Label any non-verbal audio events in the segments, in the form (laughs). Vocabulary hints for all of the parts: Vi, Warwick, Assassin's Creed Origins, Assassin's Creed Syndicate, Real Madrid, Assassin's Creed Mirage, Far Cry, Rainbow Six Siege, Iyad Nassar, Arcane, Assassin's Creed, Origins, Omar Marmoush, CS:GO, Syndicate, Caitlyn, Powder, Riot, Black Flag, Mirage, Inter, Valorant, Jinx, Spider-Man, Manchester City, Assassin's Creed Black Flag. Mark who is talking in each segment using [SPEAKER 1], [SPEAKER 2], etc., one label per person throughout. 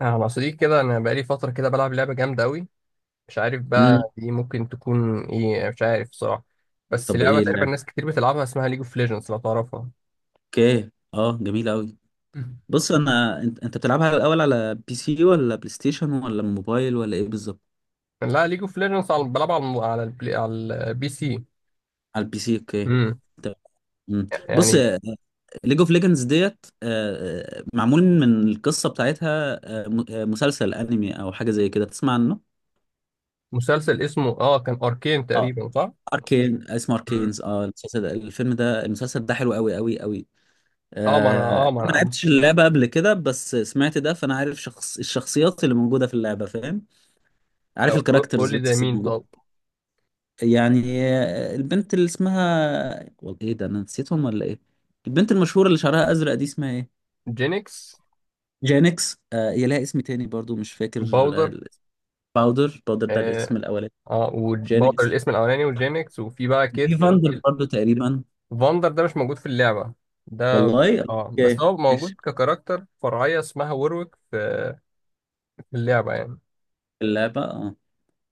[SPEAKER 1] انا مع صديقي كده، انا بقالي فتره كده بلعب لعبه جامده قوي. مش عارف
[SPEAKER 2] امم
[SPEAKER 1] بقى دي ممكن تكون ايه، مش عارف صراحه. بس
[SPEAKER 2] طب
[SPEAKER 1] لعبه
[SPEAKER 2] ايه
[SPEAKER 1] تقريبا
[SPEAKER 2] اللعبة؟
[SPEAKER 1] ناس كتير بتلعبها، اسمها ليج اوف ليجندز، لو تعرفها.
[SPEAKER 2] اوكي، اه جميلة قوي.
[SPEAKER 1] (laughs) مم.
[SPEAKER 2] بص انا انت بتلعبها الاول على بي سي ولا بلاي ستيشن ولا موبايل ولا ايه بالظبط؟
[SPEAKER 1] لا ليج اوف ليجندز على بلعبها على على البلاي على البي سي.
[SPEAKER 2] على البي سي، اوكي.
[SPEAKER 1] امم.
[SPEAKER 2] طب، مم. بص،
[SPEAKER 1] يعني
[SPEAKER 2] ليج اوف ليجندز ديت معمول من القصة بتاعتها، مسلسل انمي او حاجة زي كده تسمع عنه؟
[SPEAKER 1] مسلسل اسمه اه كان اركين
[SPEAKER 2] اه.
[SPEAKER 1] تقريبا، صح؟
[SPEAKER 2] اركين اسمه
[SPEAKER 1] امم.
[SPEAKER 2] اركينز، اه المسلسل ده، الفيلم ده، المسلسل ده حلو قوي قوي قوي.
[SPEAKER 1] اه ما انا اه
[SPEAKER 2] انا
[SPEAKER 1] ما
[SPEAKER 2] ما
[SPEAKER 1] انا آه،
[SPEAKER 2] لعبتش اللعبة قبل كده، بس سمعت ده فانا عارف شخص الشخصيات اللي موجودة في اللعبة، فاهم؟
[SPEAKER 1] طب
[SPEAKER 2] عارف
[SPEAKER 1] قول
[SPEAKER 2] الكاركترز
[SPEAKER 1] لي زي
[SPEAKER 2] بس
[SPEAKER 1] مين
[SPEAKER 2] الموجود.
[SPEAKER 1] طب.
[SPEAKER 2] يعني البنت اللي اسمها والله ايه ده، انا نسيتهم ولا ايه؟ البنت المشهورة اللي شعرها ازرق دي اسمها ايه؟
[SPEAKER 1] جينكس.
[SPEAKER 2] جانكس، آه. هي لها اسم تاني برضو مش فاكر.
[SPEAKER 1] باودر.
[SPEAKER 2] الاسم. باودر. باودر ده الاسم
[SPEAKER 1] اه,
[SPEAKER 2] الاولاني.
[SPEAKER 1] آه، وباودر
[SPEAKER 2] جانكس.
[SPEAKER 1] الاسم الاولاني، وجينكس، وفي بقى
[SPEAKER 2] في
[SPEAKER 1] كيتلين.
[SPEAKER 2] فاندر برضو تقريبا.
[SPEAKER 1] فاندر ده مش موجود في اللعبة ده.
[SPEAKER 2] والله؟
[SPEAKER 1] اه، بس
[SPEAKER 2] اوكي.
[SPEAKER 1] هو موجود
[SPEAKER 2] ماشي.
[SPEAKER 1] ككاركتر فرعية اسمها وورويك في في اللعبة يعني.
[SPEAKER 2] اللعبة، اه.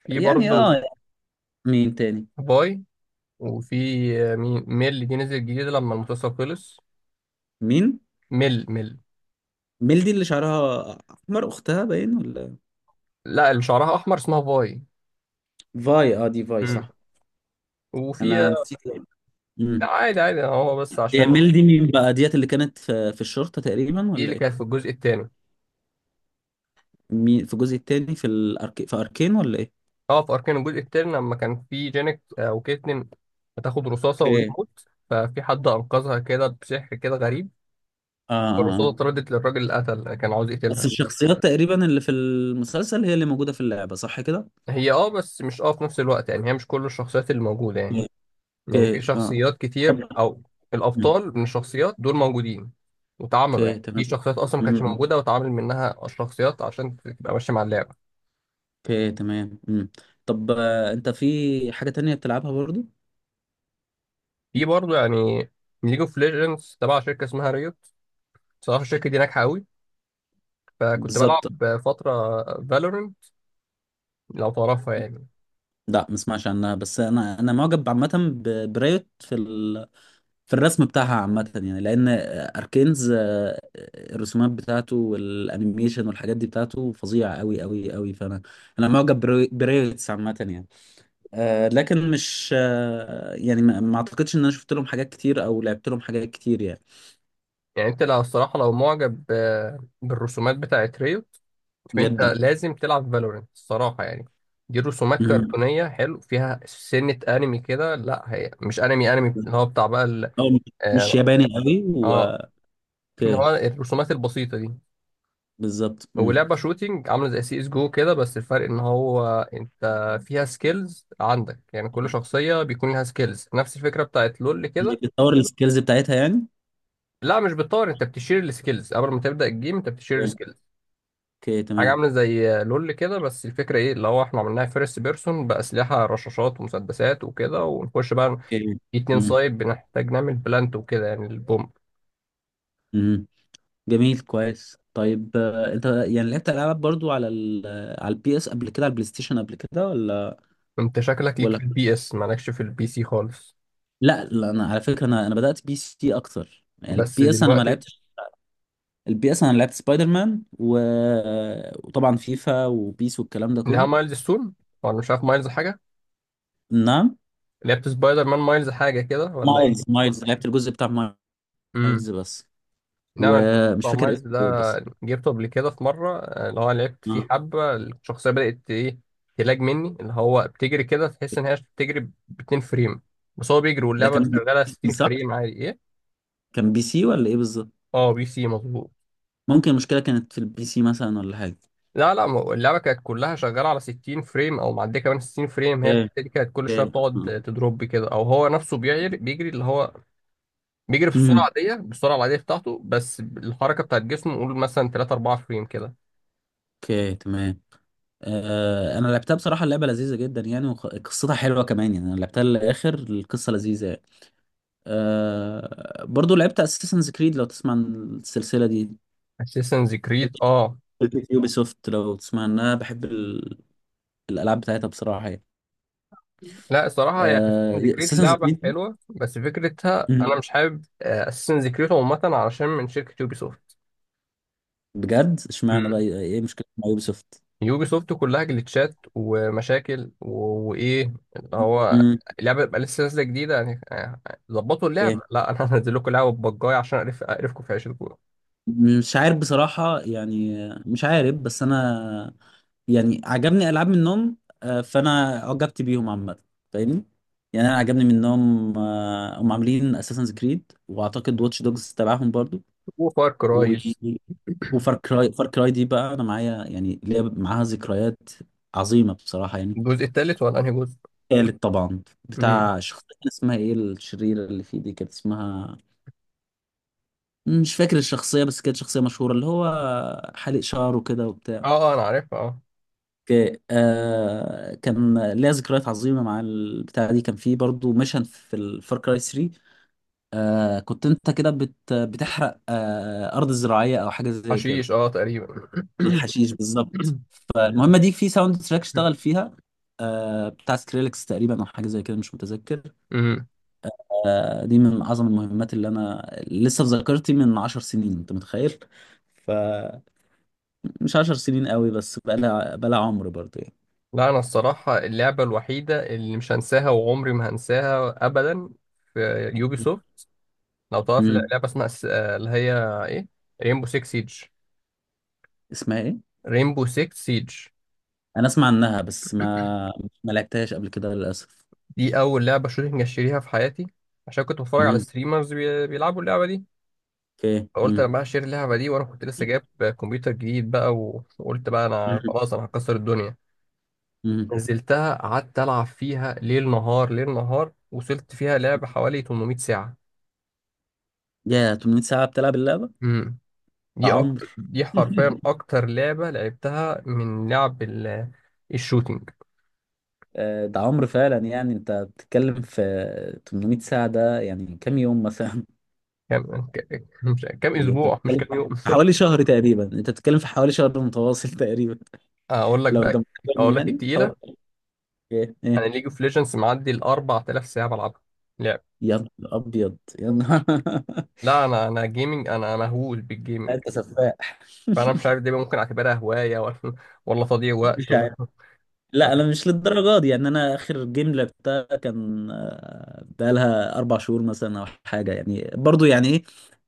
[SPEAKER 1] في
[SPEAKER 2] يعني
[SPEAKER 1] برضه
[SPEAKER 2] اه، مين تاني؟
[SPEAKER 1] باي. وفي مين ميل دي نزل جديد لما المسلسل خلص.
[SPEAKER 2] مين
[SPEAKER 1] ميل.
[SPEAKER 2] ميلدي اللي شعرها احمر، اختها باين ولا؟
[SPEAKER 1] لا، اللي شعرها احمر اسمها باي.
[SPEAKER 2] فاي، اه، دي فاي
[SPEAKER 1] مم.
[SPEAKER 2] صح.
[SPEAKER 1] وفي
[SPEAKER 2] انا نسيت.
[SPEAKER 1] لا، عادي هو بس
[SPEAKER 2] هي
[SPEAKER 1] عشان.
[SPEAKER 2] ميل دي مين بقى ديت اللي كانت في الشرطة تقريبا
[SPEAKER 1] دي
[SPEAKER 2] ولا
[SPEAKER 1] اللي كانت في
[SPEAKER 2] ايه؟
[SPEAKER 1] الجزء الثاني.
[SPEAKER 2] مين في الجزء التاني، في الأرك... في أركين ولا ايه؟
[SPEAKER 1] اه في اركان الجزء الثاني، لما كان في جانيت وكيتلين هتاخد رصاصة
[SPEAKER 2] اوكي.
[SPEAKER 1] وتموت، ففي حد انقذها كده بسحر كده غريب.
[SPEAKER 2] آه, آه,
[SPEAKER 1] الرصاصة
[SPEAKER 2] آه.
[SPEAKER 1] اتردت للراجل اللي قتل، كان عاوز
[SPEAKER 2] بس
[SPEAKER 1] يقتلها.
[SPEAKER 2] الشخصيات تقريبا اللي في المسلسل هي اللي موجودة في اللعبة صح كده؟
[SPEAKER 1] هي اه، بس مش اه في نفس الوقت يعني، هي مش كل الشخصيات اللي موجودة يعني. يعني في
[SPEAKER 2] اوكي اه.
[SPEAKER 1] شخصيات
[SPEAKER 2] طب.
[SPEAKER 1] كتير أو الأبطال من الشخصيات دول موجودين، واتعملوا
[SPEAKER 2] اوكي
[SPEAKER 1] يعني في
[SPEAKER 2] تمام.
[SPEAKER 1] شخصيات أصلا ما كانتش
[SPEAKER 2] مم.
[SPEAKER 1] موجودة واتعمل منها الشخصيات عشان تبقى ماشية مع اللعبة.
[SPEAKER 2] اوكي تمام. طب انت في حاجة تانية بتلعبها برضو؟
[SPEAKER 1] في برضه يعني ليج اوف ليجندز تبع شركة اسمها ريوت. صراحة الشركة دي ناجحة أوي، فكنت بلعب
[SPEAKER 2] بالظبط.
[SPEAKER 1] فترة فالورنت، لو تعرفها يعني.
[SPEAKER 2] لا ما اسمعش عنها، بس انا معجب عامة برايوت في في الرسم بتاعها عامة، يعني لأن أركينز، الرسومات بتاعته والأنيميشن والحاجات دي بتاعته فظيعة أوي أوي أوي. فأنا معجب بريوتس عامة يعني. لكن مش، يعني ما أعتقدش إن أنا شفت لهم حاجات كتير أو لعبت لهم حاجات كتير يعني.
[SPEAKER 1] يعني أنت لو الصراحة لو معجب بالرسومات بتاعت ريوت، شوف انت
[SPEAKER 2] جدا.
[SPEAKER 1] لازم تلعب فالورنت الصراحه يعني. دي رسومات
[SPEAKER 2] مم.
[SPEAKER 1] كرتونيه حلو فيها سنه انمي كده، لا هي مش انمي انمي اللي هو بتاع بقى
[SPEAKER 2] أو مش
[SPEAKER 1] اه
[SPEAKER 2] ياباني أوي و...
[SPEAKER 1] آه، اللي
[SPEAKER 2] أوكي.
[SPEAKER 1] هو الرسومات البسيطه دي.
[SPEAKER 2] بالظبط. مم.
[SPEAKER 1] ولعبه شوتينج عامله زي سي اس جو كده، بس الفرق ان هو انت فيها سكيلز عندك، يعني كل شخصيه بيكون لها سكيلز نفس الفكره بتاعت لول كده.
[SPEAKER 2] إنك بتطور السكيلز بتاعتها يعني.
[SPEAKER 1] لا مش بتطور، انت بتشير السكيلز قبل ما تبدا الجيم، انت بتشير السكيلز.
[SPEAKER 2] أوكي
[SPEAKER 1] حاجة
[SPEAKER 2] تمام.
[SPEAKER 1] عاملة زي لول كده، بس الفكرة ايه اللي هو احنا عملناها فيرست بيرسون بأسلحة رشاشات ومسدسات وكده، ونخش بقى
[SPEAKER 2] أوكي.
[SPEAKER 1] في اتنين
[SPEAKER 2] مم.
[SPEAKER 1] سايد بنحتاج نعمل بلانت وكده يعني البوم.
[SPEAKER 2] مم. جميل، كويس. طيب انت يعني لعبت العاب برضو على ال على البي اس قبل كده، على البلاي ستيشن قبل كده ولا؟
[SPEAKER 1] انت شكلك ليك
[SPEAKER 2] ولا.
[SPEAKER 1] في البي اس، مالكش في البي سي خالص.
[SPEAKER 2] لا لا، انا على فكره، انا بدات بي سي اكتر يعني.
[SPEAKER 1] بس
[SPEAKER 2] البي اس انا ما
[SPEAKER 1] دلوقتي
[SPEAKER 2] لعبتش. البي اس انا لعبت سبايدر مان و... وطبعا فيفا وبيس والكلام ده
[SPEAKER 1] لها
[SPEAKER 2] كله.
[SPEAKER 1] مايلز ستون ولا مش عارف مايلز حاجة.
[SPEAKER 2] نعم.
[SPEAKER 1] لعبت سبايدر مان مايلز حاجة كده ولا
[SPEAKER 2] مايلز لعبت الجزء بتاع
[SPEAKER 1] ايه؟
[SPEAKER 2] مايلز بس.
[SPEAKER 1] نعم الفول
[SPEAKER 2] ومش فاكر
[SPEAKER 1] الصومالي
[SPEAKER 2] اسمه
[SPEAKER 1] ده.
[SPEAKER 2] ايه بس.
[SPEAKER 1] جبته قبل كده في مرة، اللي هو لعبت فيه
[SPEAKER 2] آه.
[SPEAKER 1] حبة الشخصية بدأت إيه. تلاج مني اللي هو بتجري كده، تحس إن هي بتجري ب 2 فريم، بس هو بيجري
[SPEAKER 2] ده
[SPEAKER 1] واللعبة
[SPEAKER 2] كان،
[SPEAKER 1] شغالة 60
[SPEAKER 2] صح،
[SPEAKER 1] فريم عادي إيه؟
[SPEAKER 2] كان بي سي ولا ايه بالظبط؟
[SPEAKER 1] أه بي سي مظبوط.
[SPEAKER 2] ممكن المشكله كانت في البي سي مثلا ولا حاجه؟
[SPEAKER 1] لا لا، ما هو اللعبة كانت كلها شغالة على 60 فريم أو معدية كمان 60 فريم، هي
[SPEAKER 2] ايه،
[SPEAKER 1] الحتة دي كانت كل
[SPEAKER 2] ايه.
[SPEAKER 1] شوية
[SPEAKER 2] آه.
[SPEAKER 1] بتقعد تدروب كده، أو هو نفسه بيجري اللي هو بيجري بالسرعة
[SPEAKER 2] مم.
[SPEAKER 1] العادية، بالسرعة العادية بتاعته، بس الحركة بتاعت جسمه قول مثلا 3 4 فريم كده.
[SPEAKER 2] اوكي تمام. آه انا لعبتها بصراحه. اللعبه لذيذه جدا يعني، وقصتها حلوه كمان يعني. انا لعبتها للاخر، القصه لذيذه يعني. آه، برضو لعبت اساسنز كريد، لو تسمع عن السلسله دي.
[SPEAKER 1] اساسنز كريد اه.
[SPEAKER 2] شركه يوبي سوفت لو تسمع عنها، بحب ال... الالعاب بتاعتها بصراحه يعني.
[SPEAKER 1] لا الصراحة هي اساسن كريد
[SPEAKER 2] اساسنز
[SPEAKER 1] لعبة
[SPEAKER 2] كريد.
[SPEAKER 1] حلوة، بس فكرتها أنا مش
[SPEAKER 2] (laughs)
[SPEAKER 1] حابب اساسن كريد عامة علشان من شركة يوبي سوفت.
[SPEAKER 2] بجد؟ اشمعنى بقى،
[SPEAKER 1] مم.
[SPEAKER 2] ايه مشكله مع يوبي سوفت؟
[SPEAKER 1] يوبي سوفت كلها جليتشات ومشاكل وإيه اللي هو
[SPEAKER 2] مم.
[SPEAKER 1] اللعبة تبقى لسه نازلة جديدة يعني يعني ظبطوا اللعبة.
[SPEAKER 2] إيه؟
[SPEAKER 1] لا أنا (laughs) هنزل لكم لعبة بجاية عشان أعرف أعرفكم في عيشتكم.
[SPEAKER 2] مش عارف بصراحه يعني. مش عارف، بس انا يعني عجبني العاب منهم. فانا عجبت بيهم عامه، فاهمني؟ يعني انا عجبني منهم. هم عاملين اساسنز كريد، واعتقد واتش دوجز تبعهم برضو
[SPEAKER 1] وفار
[SPEAKER 2] و...
[SPEAKER 1] كرايز.
[SPEAKER 2] وفار كراي. فار كراي دي بقى انا معايا، يعني ليا معاها ذكريات عظيمه بصراحه يعني.
[SPEAKER 1] الجزء التالت ولا أنهي جزء؟
[SPEAKER 2] تالت طبعا.
[SPEAKER 1] مم.
[SPEAKER 2] بتاع شخصيه كان اسمها ايه؟ الشريره اللي فيه دي كانت اسمها، مش فاكر الشخصيه، بس كانت شخصيه مشهوره اللي هو حالق شعره كده.
[SPEAKER 1] آه أنا عارفها آه.
[SPEAKER 2] اوكي آه. كان ليا ذكريات عظيمه مع البتاعه دي. كان في برضو ميشن في الفار كراي 3. آه، كنت انت كده بتحرق ارض زراعيه او حاجه زي كده.
[SPEAKER 1] حشيش آه تقريبا.
[SPEAKER 2] الحشيش بالظبط. فالمهمه دي في ساوند تراك اشتغل
[SPEAKER 1] (coughs)
[SPEAKER 2] فيها، آه، بتاع سكريلكس تقريبا او حاجه زي كده مش متذكر.
[SPEAKER 1] مم.
[SPEAKER 2] آه، دي من اعظم المهمات اللي انا لسه في ذاكرتي من 10 سنين، انت متخيل؟ فمش، 10 سنين قوي، بس بقى لها، بقى لها عمر برضو يعني.
[SPEAKER 1] لا انا الصراحه اللعبه الوحيده اللي مش هنساها وعمري ما هنساها ابدا في يوبي سوفت، لو تعرف
[SPEAKER 2] مم.
[SPEAKER 1] لعبه اسمها اللي هي ايه، رينبو 6 سيج.
[SPEAKER 2] اسمها ايه؟
[SPEAKER 1] رينبو 6 سيج
[SPEAKER 2] انا اسمع عنها بس ما ما لعبتهاش قبل كده للاسف.
[SPEAKER 1] دي اول لعبه شوتنج اشتريها في حياتي، عشان كنت بتفرج على
[SPEAKER 2] مهم.
[SPEAKER 1] ستريمرز بيلعبوا اللعبه دي.
[SPEAKER 2] اوكي
[SPEAKER 1] فقلت انا
[SPEAKER 2] مهم.
[SPEAKER 1] بقى هشتري اللعبه دي، وانا كنت لسه جايب كمبيوتر جديد بقى وقلت بقى انا
[SPEAKER 2] مهم.
[SPEAKER 1] خلاص انا هكسر الدنيا.
[SPEAKER 2] مهم.
[SPEAKER 1] نزلتها قعدت العب فيها ليل نهار ليل نهار، وصلت فيها لعبه حوالي 800 ساعه.
[SPEAKER 2] يا 800 ساعة بتلعب اللعبة ده؟
[SPEAKER 1] امم. دي
[SPEAKER 2] عمر.
[SPEAKER 1] أكتر،
[SPEAKER 2] (laughs)
[SPEAKER 1] دي حرفيا أكتر لعبة لعبتها من لعب الشوتينج.
[SPEAKER 2] آه، ده عمر فعلا. يعني انت بتتكلم في 800 ساعة، ده يعني كام يوم مثلا؟ (laughs)
[SPEAKER 1] مش كام
[SPEAKER 2] انت
[SPEAKER 1] أسبوع مش
[SPEAKER 2] بتتكلم
[SPEAKER 1] كام يوم (laughs)
[SPEAKER 2] في حوالي شهر تقريبا، انت بتتكلم في حوالي شهر متواصل (laughs) تقريبا
[SPEAKER 1] أقول لك
[SPEAKER 2] لو
[SPEAKER 1] بقى،
[SPEAKER 2] جمعتهم
[SPEAKER 1] أقول لك
[SPEAKER 2] يعني حوالي.
[SPEAKER 1] التقيلة،
[SPEAKER 2] ايه
[SPEAKER 1] أنا
[SPEAKER 2] ايه.
[SPEAKER 1] ليج اوف ليجندز معدي ال 4000 ساعة بلعبها لعب.
[SPEAKER 2] يا نهار ابيض يا نهار! (laughs)
[SPEAKER 1] لا أنا، أنا جيمنج، أنا مهووس بالجيمنج.
[SPEAKER 2] انت سفاح!
[SPEAKER 1] فأنا مش عارف دي بقى ممكن أعتبرها هواية ولا (laughs) ولا تضييع
[SPEAKER 2] (laughs)
[SPEAKER 1] وقت
[SPEAKER 2] مش،
[SPEAKER 1] ولا (laughs)
[SPEAKER 2] لا
[SPEAKER 1] ولا.
[SPEAKER 2] انا مش للدرجه دي يعني. انا اخر جيم لعبتها كان بقالها 4 شهور مثلا او حاجه يعني برضو يعني ايه.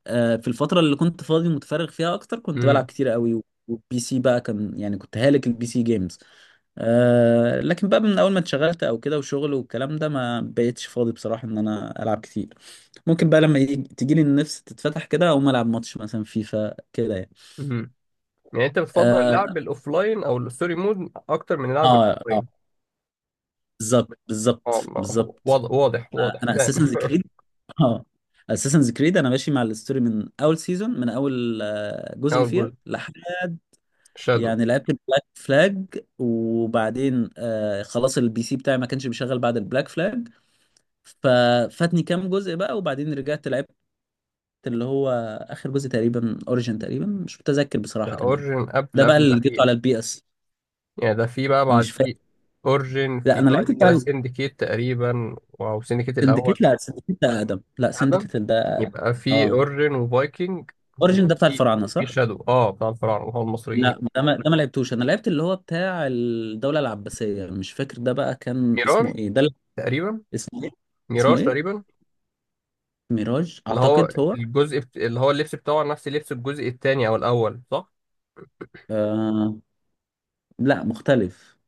[SPEAKER 2] في الفتره اللي كنت فاضي متفرغ فيها اكتر كنت بلعب
[SPEAKER 1] مم.
[SPEAKER 2] كتير قوي. والبي سي بقى كان يعني كنت هالك البي سي جيمز. لكن بقى من اول ما اتشغلت او كده وشغل والكلام ده، ما بقيتش فاضي بصراحه ان انا العب كتير. ممكن بقى لما تجيلي النفس تتفتح كده اقوم العب ماتش مثلا فيفا كده يعني.
[SPEAKER 1] مم. يعني أنت بتفضل
[SPEAKER 2] اه،
[SPEAKER 1] اللعب الأوفلاين أو الستوري مود أكتر من اللعب
[SPEAKER 2] اه،
[SPEAKER 1] الأوفلاين.
[SPEAKER 2] بالظبط
[SPEAKER 1] اه
[SPEAKER 2] بالظبط
[SPEAKER 1] ما هو-
[SPEAKER 2] بالظبط.
[SPEAKER 1] واضح واضح واضح
[SPEAKER 2] انا
[SPEAKER 1] بان.
[SPEAKER 2] اساسنز كريد، اه، اساسنز كريد انا ماشي مع الستوري من اول سيزون، من اول
[SPEAKER 1] (laughs)
[SPEAKER 2] جزء
[SPEAKER 1] أول جزء
[SPEAKER 2] فيها لحد
[SPEAKER 1] شادو.
[SPEAKER 2] يعني. لعبت البلاك فلاج، وبعدين آه خلاص البي سي بتاعي ما كانش بيشغل بعد البلاك فلاج. ففاتني كام جزء بقى، وبعدين رجعت لعبت اللي هو اخر جزء تقريبا، اوريجن تقريبا مش متذكر
[SPEAKER 1] ده
[SPEAKER 2] بصراحة كان ايه.
[SPEAKER 1] اورجن قبل
[SPEAKER 2] ده بقى
[SPEAKER 1] قبل
[SPEAKER 2] اللي جبته
[SPEAKER 1] الاخير.
[SPEAKER 2] على البي اس.
[SPEAKER 1] يعني ده في بقى
[SPEAKER 2] مش
[SPEAKER 1] بعد
[SPEAKER 2] فاكر.
[SPEAKER 1] اورجن،
[SPEAKER 2] لا
[SPEAKER 1] في
[SPEAKER 2] انا لعبت
[SPEAKER 1] بعد
[SPEAKER 2] بتاع
[SPEAKER 1] كده سندكيت تقريبا او سندكيت
[SPEAKER 2] سندكيت.
[SPEAKER 1] الاول.
[SPEAKER 2] لا سندكيت ده اقدم. لا
[SPEAKER 1] ادم.
[SPEAKER 2] سندكيت ده أقدم.
[SPEAKER 1] يبقى في
[SPEAKER 2] اه.
[SPEAKER 1] اورجن وفايكنج
[SPEAKER 2] اوريجن ده بتاع
[SPEAKER 1] وفي
[SPEAKER 2] الفراعنة
[SPEAKER 1] في
[SPEAKER 2] صح؟
[SPEAKER 1] شادو اه بتاع الفراعنه اللي هو المصريين.
[SPEAKER 2] لا ده ما لعبتوش. انا لعبت اللي هو بتاع الدولة العباسية، مش فاكر ده بقى كان اسمه
[SPEAKER 1] ميراج
[SPEAKER 2] ايه ده اللي-.
[SPEAKER 1] تقريبا.
[SPEAKER 2] اسمه ايه؟ اسمه
[SPEAKER 1] ميراج
[SPEAKER 2] ايه؟
[SPEAKER 1] تقريبا.
[SPEAKER 2] ميراج
[SPEAKER 1] اللي هو
[SPEAKER 2] اعتقد هو.
[SPEAKER 1] اللي هو اللبس بتاعه نفس لبس الجزء الثاني او الاول، صح؟
[SPEAKER 2] آه، لا مختلف.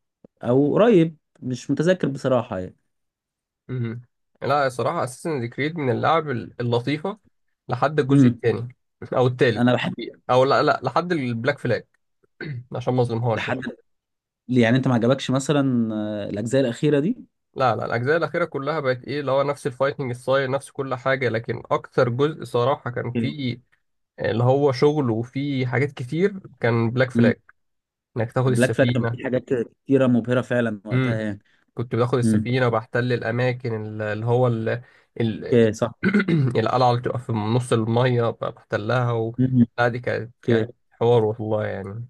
[SPEAKER 2] او قريب مش متذكر بصراحة يعني.
[SPEAKER 1] امم. لا الصراحه اساسن كريد من اللعب اللطيفه لحد الجزء
[SPEAKER 2] امم
[SPEAKER 1] الثاني او الثالث.
[SPEAKER 2] انا بحب.
[SPEAKER 1] او لا لا، لحد البلاك فلاج. (clears throat) عشان ما اظلمهاش
[SPEAKER 2] لحد.
[SPEAKER 1] يعني.
[SPEAKER 2] يعني انت ما عجبكش مثلا الاجزاء الاخيرة دي؟
[SPEAKER 1] لا لا، الاجزاء الاخيره كلها بقت ايه اللي هو نفس الفايتنج ستايل نفس كل حاجه، لكن اكتر جزء صراحه كان فيه اللي هو شغل وفيه حاجات كتير كان بلاك
[SPEAKER 2] امم
[SPEAKER 1] فلاج. انك تاخد
[SPEAKER 2] بلاك فلاج كان
[SPEAKER 1] السفينه.
[SPEAKER 2] في حاجات كتيرة مبهرة فعلا
[SPEAKER 1] امم.
[SPEAKER 2] وقتها يعني.
[SPEAKER 1] كنت باخد
[SPEAKER 2] امم.
[SPEAKER 1] السفينه وبحتل الاماكن اللي هو ال...
[SPEAKER 2] اوكي صح.
[SPEAKER 1] (clears throat) القلعه اللي بتبقى في نص الميه بحتلها و...
[SPEAKER 2] امم.
[SPEAKER 1] لا دي كانت كانت حوار والله يعني.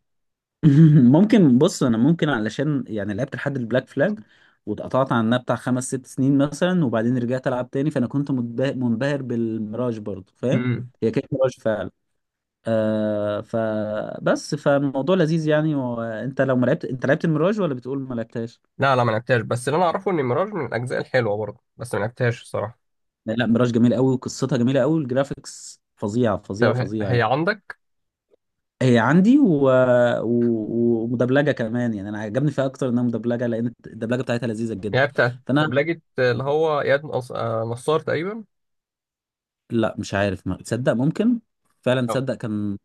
[SPEAKER 2] (laughs) ممكن، بص انا ممكن علشان يعني لعبت لحد البلاك فلاج واتقطعت عنها بتاع 5 6 سنين مثلا، وبعدين رجعت العب تاني فانا كنت منبهر بالميراج برضه، فاهم؟
[SPEAKER 1] امم.
[SPEAKER 2] هي كانت ميراج فعلا. آه فبس، فالموضوع لذيذ يعني. وانت لو ما لعبت، انت لعبت الميراج ولا بتقول ما لعبتهاش؟
[SPEAKER 1] لا لا، ما لعبتهاش، بس اللي انا اعرفه ان ميراج من الاجزاء الحلوه برضه، بس ما لعبتهاش الصراحه.
[SPEAKER 2] لا لا، ميراج جميل قوي، وقصتها جميله قوي، والجرافيكس فظيعه
[SPEAKER 1] طب
[SPEAKER 2] فظيعه
[SPEAKER 1] هي
[SPEAKER 2] فظيعه
[SPEAKER 1] هي
[SPEAKER 2] يعني.
[SPEAKER 1] عندك؟
[SPEAKER 2] هي عندي و... و... ومدبلجه كمان يعني. انا عجبني فيها اكتر انها مدبلجه، لان الدبلجه بتاعتها لذيذه
[SPEAKER 1] يعني
[SPEAKER 2] جدا.
[SPEAKER 1] بتاعت
[SPEAKER 2] فانا
[SPEAKER 1] دبلجة اللي هو إياد نصار تقريبا.
[SPEAKER 2] لا مش عارف، ما تصدق ممكن فعلا
[SPEAKER 1] أو-
[SPEAKER 2] تصدق كان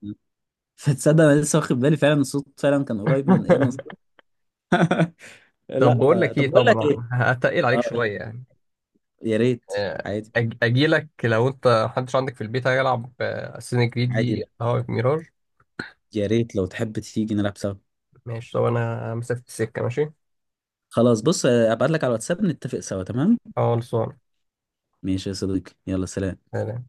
[SPEAKER 2] (laughs) تصدق انا لسه واخد بالي فعلا الصوت فعلا كان قريب من اياد نصار.
[SPEAKER 1] (laughs) طب
[SPEAKER 2] لا
[SPEAKER 1] بقول
[SPEAKER 2] آه.
[SPEAKER 1] لك
[SPEAKER 2] طب
[SPEAKER 1] ايه،
[SPEAKER 2] بقول لك ايه.
[SPEAKER 1] طبعا هتقل عليك
[SPEAKER 2] آه.
[SPEAKER 1] شويه يعني.
[SPEAKER 2] يا ريت. عادي،
[SPEAKER 1] اجي لك لو انت محدش عندك في البيت هيلعب اساسن كريد
[SPEAKER 2] عادي.
[SPEAKER 1] دي
[SPEAKER 2] لا.
[SPEAKER 1] هواك ميراج.
[SPEAKER 2] يا ريت لو تحب تيجي نلعب سوا.
[SPEAKER 1] ماشي، طب انا مسافه السكه ماشي.
[SPEAKER 2] خلاص بص، ابعت لك على الواتساب نتفق سوا، تمام.
[SPEAKER 1] خلصان.
[SPEAKER 2] ماشي يا صديقي، يلا سلام.
[SPEAKER 1] سلام.